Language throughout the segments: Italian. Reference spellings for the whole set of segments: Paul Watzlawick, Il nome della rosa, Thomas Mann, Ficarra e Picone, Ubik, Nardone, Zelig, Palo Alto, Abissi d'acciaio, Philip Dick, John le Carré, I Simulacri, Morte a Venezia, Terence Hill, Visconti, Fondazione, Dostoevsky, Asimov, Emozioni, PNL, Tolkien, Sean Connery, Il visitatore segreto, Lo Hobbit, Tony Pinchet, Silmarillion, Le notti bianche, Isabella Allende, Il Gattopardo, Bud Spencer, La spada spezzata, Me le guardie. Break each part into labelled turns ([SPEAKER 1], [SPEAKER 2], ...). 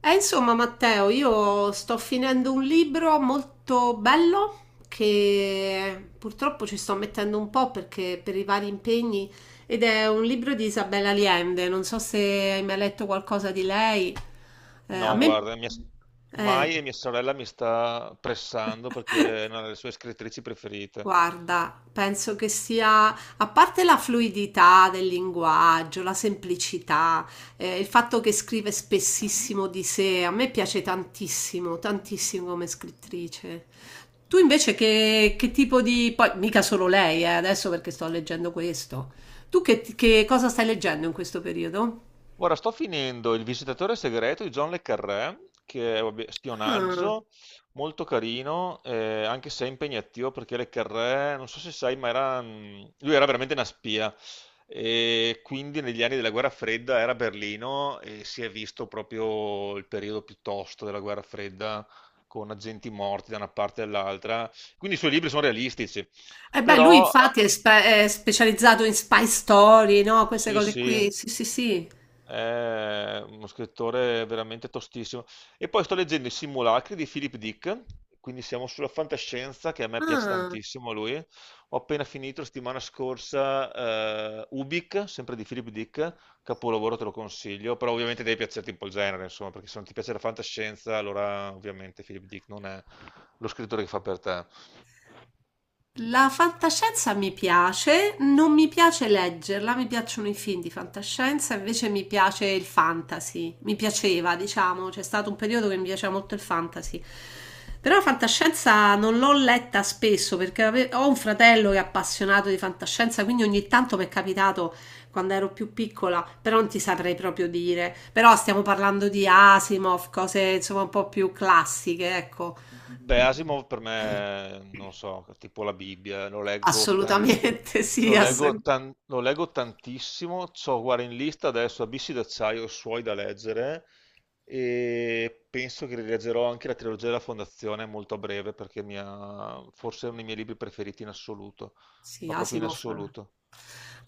[SPEAKER 1] E insomma, Matteo, io sto finendo un libro molto bello che purtroppo ci sto mettendo un po' perché per i vari impegni ed è un libro di Isabella Allende. Non so se hai mai letto qualcosa di lei. A No,
[SPEAKER 2] No,
[SPEAKER 1] me
[SPEAKER 2] guarda,
[SPEAKER 1] eh,
[SPEAKER 2] mai e mia sorella mi sta pressando
[SPEAKER 1] no.
[SPEAKER 2] perché è una delle sue scrittrici preferite.
[SPEAKER 1] Guarda, penso che sia, a parte la fluidità del linguaggio, la semplicità, il fatto che scrive spessissimo di sé, a me piace tantissimo, tantissimo come scrittrice. Tu invece che tipo di... poi mica solo lei, adesso perché sto leggendo questo. Tu che cosa stai leggendo in questo periodo?
[SPEAKER 2] Ora sto finendo Il visitatore segreto di John le Carré, che è vabbè,
[SPEAKER 1] Ah.
[SPEAKER 2] spionaggio, molto carino, anche se è impegnativo perché le Carré, non so se sai, ma era, lui era veramente una spia. E quindi negli anni della guerra fredda era a Berlino e si è visto proprio il periodo più tosto della guerra fredda con agenti morti da una parte e dall'altra. Quindi i suoi libri sono realistici,
[SPEAKER 1] Eh beh, lui
[SPEAKER 2] però
[SPEAKER 1] infatti è, è specializzato in spy story, no? Queste
[SPEAKER 2] sì,
[SPEAKER 1] cose
[SPEAKER 2] sì.
[SPEAKER 1] qui. Sì, sì, sì.
[SPEAKER 2] È uno scrittore veramente tostissimo. E poi sto leggendo I Simulacri di Philip Dick, quindi siamo sulla fantascienza, che a me piace
[SPEAKER 1] Ah.
[SPEAKER 2] tantissimo lui. Ho appena finito la settimana scorsa Ubik, sempre di Philip Dick, capolavoro te lo consiglio, però ovviamente devi piacerti un po' il genere, insomma, perché se non ti piace la fantascienza, allora ovviamente Philip Dick non è lo scrittore che fa per te.
[SPEAKER 1] La fantascienza mi piace, non mi piace leggerla, mi piacciono i film di fantascienza, invece mi piace il fantasy, mi piaceva, diciamo, c'è stato un periodo che mi piaceva molto il fantasy. Però la fantascienza non l'ho letta spesso perché ho un fratello che è appassionato di fantascienza, quindi ogni tanto mi è capitato quando ero più piccola, però non ti saprei proprio dire. Però stiamo parlando di Asimov, cose insomma un po' più classiche, ecco.
[SPEAKER 2] Beh, Asimov per me, non so, tipo la Bibbia,
[SPEAKER 1] Assolutamente sì, assolutamente.
[SPEAKER 2] lo leggo tantissimo, c'ho guarda in lista adesso Abissi d'acciaio e suoi da leggere e penso che rileggerò anche la trilogia della Fondazione molto a breve perché forse è uno dei miei libri preferiti in assoluto,
[SPEAKER 1] Sì,
[SPEAKER 2] ma proprio in
[SPEAKER 1] Asimov
[SPEAKER 2] assoluto.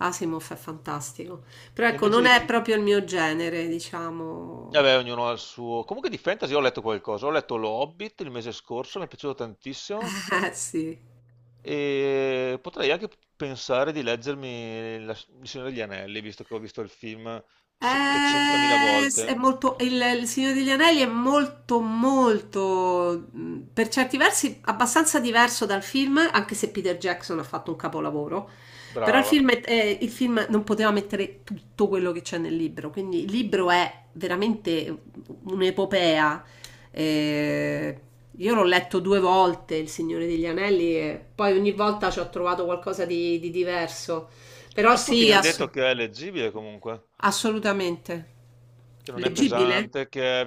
[SPEAKER 1] Asimov è fantastico. Però
[SPEAKER 2] E
[SPEAKER 1] ecco,
[SPEAKER 2] invece
[SPEAKER 1] non
[SPEAKER 2] di...
[SPEAKER 1] è proprio il mio genere, diciamo.
[SPEAKER 2] Vabbè, ognuno ha il suo... Comunque di fantasy ho letto qualcosa, ho letto Lo Hobbit il mese scorso, mi è piaciuto tantissimo.
[SPEAKER 1] Eh sì.
[SPEAKER 2] E potrei anche pensare di leggermi La il Signore degli Anelli, visto che ho visto il film 700.000
[SPEAKER 1] È
[SPEAKER 2] volte.
[SPEAKER 1] molto, il Signore degli Anelli è molto, molto, per certi versi, abbastanza diverso dal film, anche se Peter Jackson ha fatto un capolavoro. Però il
[SPEAKER 2] Brava.
[SPEAKER 1] film, il film non poteva mettere tutto quello che c'è nel libro, quindi il libro è veramente un'epopea. Eh, io l'ho letto due volte, Il Signore degli Anelli, e poi ogni volta ci ho trovato qualcosa di diverso. Però
[SPEAKER 2] Ma tutti
[SPEAKER 1] sì,
[SPEAKER 2] mi hanno detto
[SPEAKER 1] assolutamente.
[SPEAKER 2] che è leggibile comunque,
[SPEAKER 1] Assolutamente.
[SPEAKER 2] che non è
[SPEAKER 1] Leggibile?
[SPEAKER 2] pesante, che è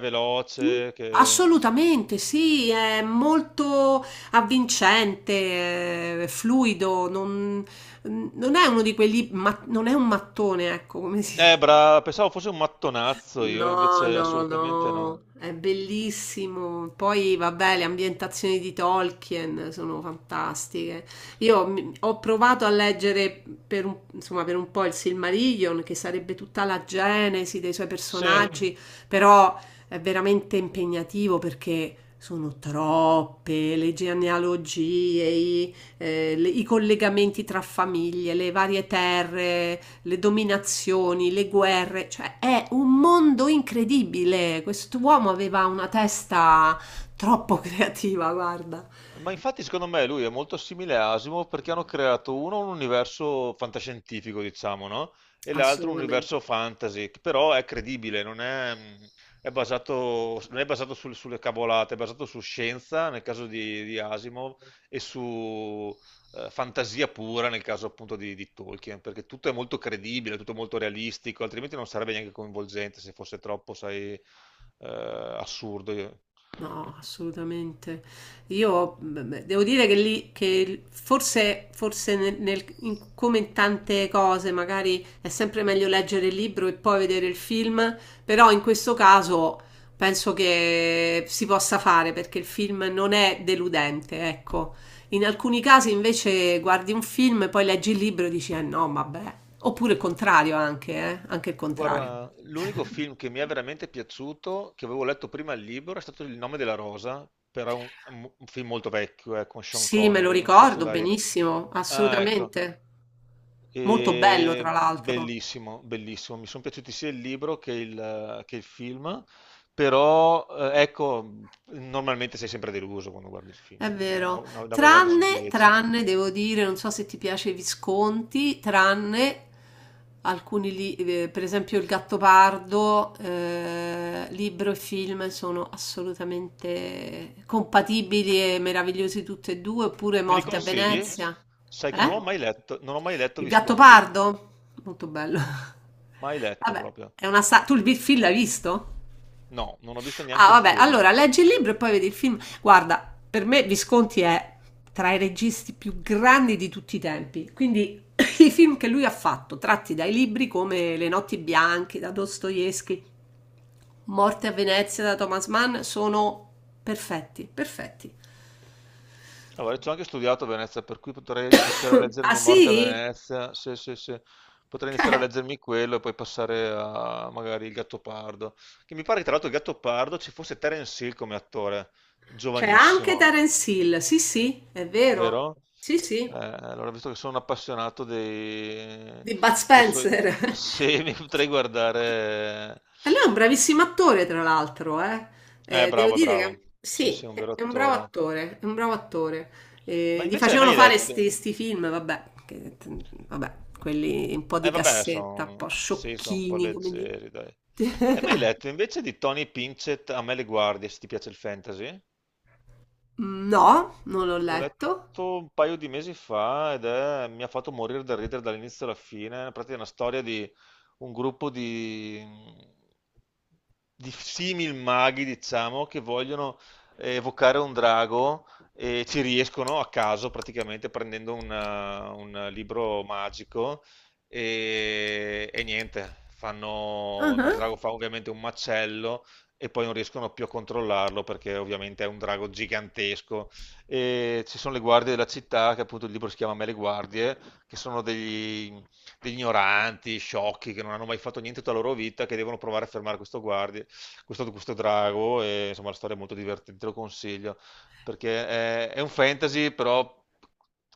[SPEAKER 1] Mh.
[SPEAKER 2] veloce, che...
[SPEAKER 1] Assolutamente sì, è molto avvincente, è fluido, non è uno di quelli, non è un mattone, ecco, come si
[SPEAKER 2] Brava, pensavo fosse un mattonazzo io,
[SPEAKER 1] No,
[SPEAKER 2] invece
[SPEAKER 1] no,
[SPEAKER 2] assolutamente no.
[SPEAKER 1] no, è bellissimo. Poi, vabbè, le ambientazioni di Tolkien sono fantastiche. Io ho provato a leggere per un, insomma, per un po' il Silmarillion, che sarebbe tutta la genesi dei suoi Sì.
[SPEAKER 2] Sì,
[SPEAKER 1] personaggi, però è veramente impegnativo perché sono troppe le genealogie, i collegamenti tra famiglie, le varie terre, le dominazioni, le guerre, cioè è un mondo incredibile. Quest'uomo aveva una testa troppo creativa, guarda.
[SPEAKER 2] ma infatti secondo me lui è molto simile a Asimov perché hanno creato uno un universo fantascientifico, diciamo, no? E l'altro un universo
[SPEAKER 1] Assolutamente.
[SPEAKER 2] fantasy, che però è credibile, non è, è basato, non è basato sul- sulle cavolate, è basato su scienza nel caso di Asimov e su fantasia pura nel caso appunto di Tolkien, perché tutto è molto credibile, tutto molto realistico, altrimenti non sarebbe neanche coinvolgente se fosse troppo, sai, assurdo.
[SPEAKER 1] No, assolutamente. Io devo dire che lì, che forse come in tante cose, magari è sempre meglio leggere il libro e poi vedere il film, però in questo caso penso che si possa fare perché il film non è deludente, ecco. In alcuni casi invece guardi un film, poi leggi il libro e dici, eh no, vabbè. Oppure il contrario anche, anche il contrario.
[SPEAKER 2] Guarda, l'unico film che mi è veramente piaciuto, che avevo letto prima il libro, è stato Il nome della rosa, però un film molto vecchio, con Sean
[SPEAKER 1] Sì, me lo
[SPEAKER 2] Connery, non so se
[SPEAKER 1] ricordo
[SPEAKER 2] l'hai...
[SPEAKER 1] benissimo,
[SPEAKER 2] Ah, ecco.
[SPEAKER 1] assolutamente. Molto bello, tra
[SPEAKER 2] E
[SPEAKER 1] l'altro.
[SPEAKER 2] bellissimo, bellissimo. Mi sono piaciuti sia il libro che il film, però ecco, normalmente sei sempre deluso quando guardi il film,
[SPEAKER 1] È
[SPEAKER 2] insomma,
[SPEAKER 1] vero.
[SPEAKER 2] nove volte su
[SPEAKER 1] Tranne,
[SPEAKER 2] dieci.
[SPEAKER 1] tranne, devo dire, non so se ti piace i Visconti, tranne alcuni libri, per esempio Il Gattopardo, libro e film sono assolutamente compatibili e meravigliosi tutti e due, oppure
[SPEAKER 2] Me li
[SPEAKER 1] Morte a
[SPEAKER 2] consigli?
[SPEAKER 1] Venezia.
[SPEAKER 2] Sai che non ho
[SPEAKER 1] Eh?
[SPEAKER 2] mai letto, non ho mai letto
[SPEAKER 1] Il
[SPEAKER 2] Visconti,
[SPEAKER 1] Gattopardo? Molto bello.
[SPEAKER 2] mai letto
[SPEAKER 1] Vabbè,
[SPEAKER 2] proprio.
[SPEAKER 1] è una tu il film l'hai visto?
[SPEAKER 2] No, non ho visto neanche il
[SPEAKER 1] Ah, vabbè,
[SPEAKER 2] film.
[SPEAKER 1] allora leggi il libro e poi vedi il film. Guarda, per me Visconti è tra i registi più grandi di tutti i tempi. Quindi i film che lui ha fatto, tratti dai libri come Le notti bianche da Dostoevsky, Morte a Venezia da Thomas Mann, sono perfetti, perfetti.
[SPEAKER 2] Allora, ci ho anche studiato a Venezia, per cui potrei iniziare a
[SPEAKER 1] Ah
[SPEAKER 2] leggermi Morte a
[SPEAKER 1] sì?
[SPEAKER 2] Venezia. Sì, sì, sì. Potrei iniziare a leggermi quello e poi passare a magari il Gattopardo. Che mi pare che tra l'altro il Gattopardo ci fosse Terence Hill come attore,
[SPEAKER 1] C'è anche
[SPEAKER 2] giovanissimo,
[SPEAKER 1] Terence Hill, sì sì, è vero,
[SPEAKER 2] vero?
[SPEAKER 1] sì sì,
[SPEAKER 2] Allora, visto che sono un appassionato dei,
[SPEAKER 1] di Bud
[SPEAKER 2] dei suoi...
[SPEAKER 1] Spencer.
[SPEAKER 2] Sì, mi potrei guardare...
[SPEAKER 1] E lui è un bravissimo attore, tra l'altro, eh. Devo
[SPEAKER 2] Bravo, è
[SPEAKER 1] dire
[SPEAKER 2] bravo.
[SPEAKER 1] che
[SPEAKER 2] Sì,
[SPEAKER 1] sì,
[SPEAKER 2] sì, è un vero
[SPEAKER 1] è un bravo
[SPEAKER 2] attore.
[SPEAKER 1] attore, è un bravo attore.
[SPEAKER 2] Ma
[SPEAKER 1] Gli
[SPEAKER 2] invece hai
[SPEAKER 1] facevano
[SPEAKER 2] mai
[SPEAKER 1] fare
[SPEAKER 2] letto?
[SPEAKER 1] sti film, vabbè, quelli un po'
[SPEAKER 2] E
[SPEAKER 1] di
[SPEAKER 2] vabbè,
[SPEAKER 1] cassetta, un po'
[SPEAKER 2] sono sì, sono un po'
[SPEAKER 1] sciocchini, come dire.
[SPEAKER 2] leggeri, dai. Hai mai letto invece di Tony Pinchet A me le guardie, se ti piace il fantasy?
[SPEAKER 1] No, non l'ho
[SPEAKER 2] L'ho
[SPEAKER 1] letto.
[SPEAKER 2] letto un paio di mesi fa ed mi ha fatto morire da ridere dall'inizio alla fine. Praticamente è una storia di un gruppo di simil maghi, diciamo, che vogliono evocare un drago e ci riescono a caso, praticamente prendendo un libro magico e niente.
[SPEAKER 1] Ah
[SPEAKER 2] Fanno, il
[SPEAKER 1] ah.
[SPEAKER 2] drago fa ovviamente un macello e poi non riescono più a controllarlo perché ovviamente è un drago gigantesco e ci sono le guardie della città, che appunto il libro si chiama Me le guardie, che sono degli, degli ignoranti, sciocchi, che non hanno mai fatto niente tutta la loro vita, che devono provare a fermare questo, guardie, questo drago, e insomma la storia è molto divertente, te lo consiglio, perché è un fantasy però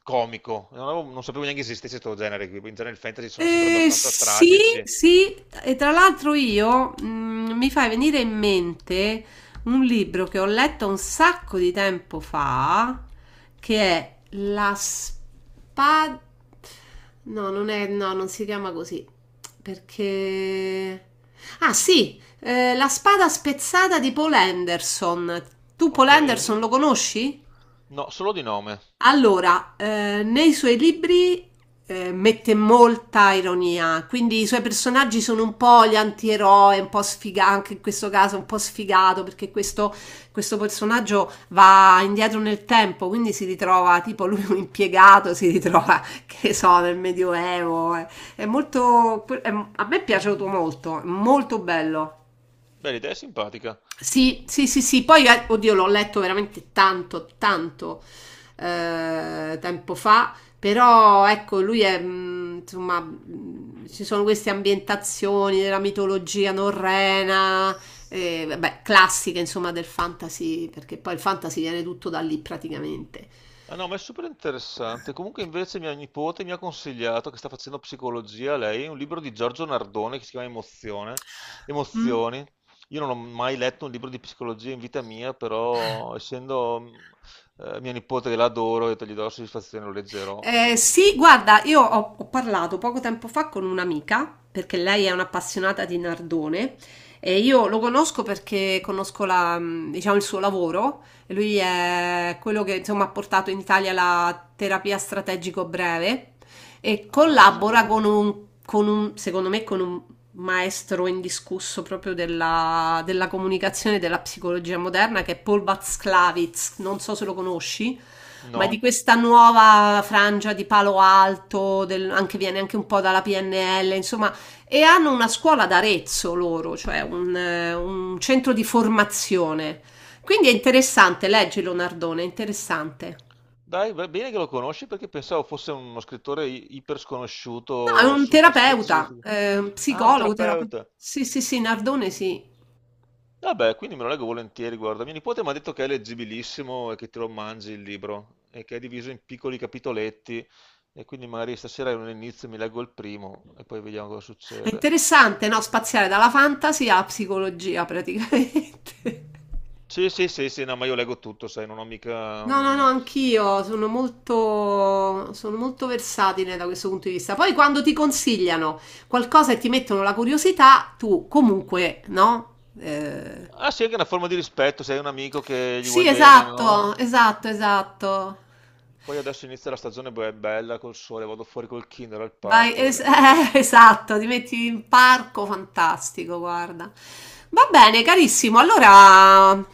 [SPEAKER 2] comico, non, non sapevo neanche esistesse questo genere qui, in genere il fantasy sono sempre
[SPEAKER 1] Eh,
[SPEAKER 2] abbastanza
[SPEAKER 1] sì,
[SPEAKER 2] tragici.
[SPEAKER 1] sì, e tra l'altro io mi fai venire in mente un libro che ho letto un sacco di tempo fa, che è La spada... No, non è, no, non si chiama così, perché... Ah sì, La spada spezzata di Paul Anderson. Tu Paul
[SPEAKER 2] Ok?
[SPEAKER 1] Anderson lo conosci?
[SPEAKER 2] No, solo di nome.
[SPEAKER 1] Allora, nei suoi libri mette molta ironia, quindi i suoi personaggi sono un po' gli antieroi, un po' sfigato, anche in questo caso un po' sfigato, perché questo personaggio va indietro nel tempo, quindi si ritrova, tipo lui un impiegato, si ritrova, che so, nel Medioevo. È molto, è- a me è piaciuto molto, è molto bello.
[SPEAKER 2] Beh, l'idea è simpatica.
[SPEAKER 1] Sì, sì, sì, sì, poi oddio l'ho letto veramente tanto, tanto tempo fa, però ecco, lui è, insomma, ci sono queste ambientazioni della mitologia norrena, vabbè, classiche insomma del fantasy, perché poi il fantasy viene tutto da lì praticamente.
[SPEAKER 2] Ah no, ma è super interessante. Comunque invece mia nipote mi ha consigliato, che sta facendo psicologia lei, un libro di Giorgio Nardone che si chiama Emozione, Emozioni. Io non ho mai letto un libro di psicologia in vita mia, però essendo mia nipote che l'adoro, ho detto gli do la soddisfazione, lo leggerò. Non so...
[SPEAKER 1] Sì, guarda, ho parlato poco tempo fa con un'amica, perché lei è un'appassionata di Nardone e io lo conosco perché conosco diciamo, il suo lavoro. E lui è quello che insomma ha portato in Italia la terapia strategico breve e
[SPEAKER 2] Ah, non ne sapevo
[SPEAKER 1] collabora con
[SPEAKER 2] niente.
[SPEAKER 1] secondo me, con un maestro indiscusso proprio della comunicazione e della psicologia moderna, che è Paul Watzlawick, non so se lo conosci, ma è di
[SPEAKER 2] No.
[SPEAKER 1] questa nuova frangia di Palo Alto, anche, viene anche un po' dalla PNL, insomma, e hanno una scuola ad Arezzo loro, cioè un centro di formazione. Quindi è interessante, leggilo Nardone, è interessante.
[SPEAKER 2] Dai, va bene che lo conosci perché pensavo fosse uno scrittore iper
[SPEAKER 1] No, è
[SPEAKER 2] sconosciuto,
[SPEAKER 1] un
[SPEAKER 2] super
[SPEAKER 1] terapeuta,
[SPEAKER 2] specifico. Ah, un
[SPEAKER 1] psicologo, terapeuta.
[SPEAKER 2] terapeuta.
[SPEAKER 1] Sì, sì, sì, Nardone sì.
[SPEAKER 2] Vabbè, quindi me lo leggo volentieri, guarda. Mio nipote mi ha detto che è leggibilissimo e che te lo mangi il libro e che è diviso in piccoli capitoletti e quindi magari stasera non inizio, mi leggo il primo e poi vediamo cosa
[SPEAKER 1] È
[SPEAKER 2] succede.
[SPEAKER 1] interessante, no? Spaziare dalla fantasy alla psicologia praticamente.
[SPEAKER 2] Sì, sì, sì, sì, no, ma io leggo tutto, sai, non ho mica...
[SPEAKER 1] No, no, no,
[SPEAKER 2] mm.
[SPEAKER 1] anch'io sono molto versatile da questo punto di vista. Poi quando ti consigliano qualcosa e ti mettono la curiosità, tu comunque, no?
[SPEAKER 2] Ah sì, anche una forma di rispetto, sei un amico che gli
[SPEAKER 1] Sì,
[SPEAKER 2] vuoi bene, no?
[SPEAKER 1] esatto, esatto, esatto.
[SPEAKER 2] Poi adesso inizia la stagione bella col sole, vado fuori col Kindle al
[SPEAKER 1] Vai,
[SPEAKER 2] parco e leggo.
[SPEAKER 1] esatto, ti metti in parco fantastico, guarda. Va bene, carissimo, allora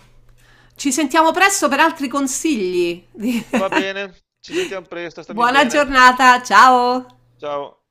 [SPEAKER 1] ci sentiamo presto per altri consigli.
[SPEAKER 2] Va bene, ci sentiamo presto, stammi
[SPEAKER 1] Buona
[SPEAKER 2] bene.
[SPEAKER 1] giornata, ciao!
[SPEAKER 2] Ciao.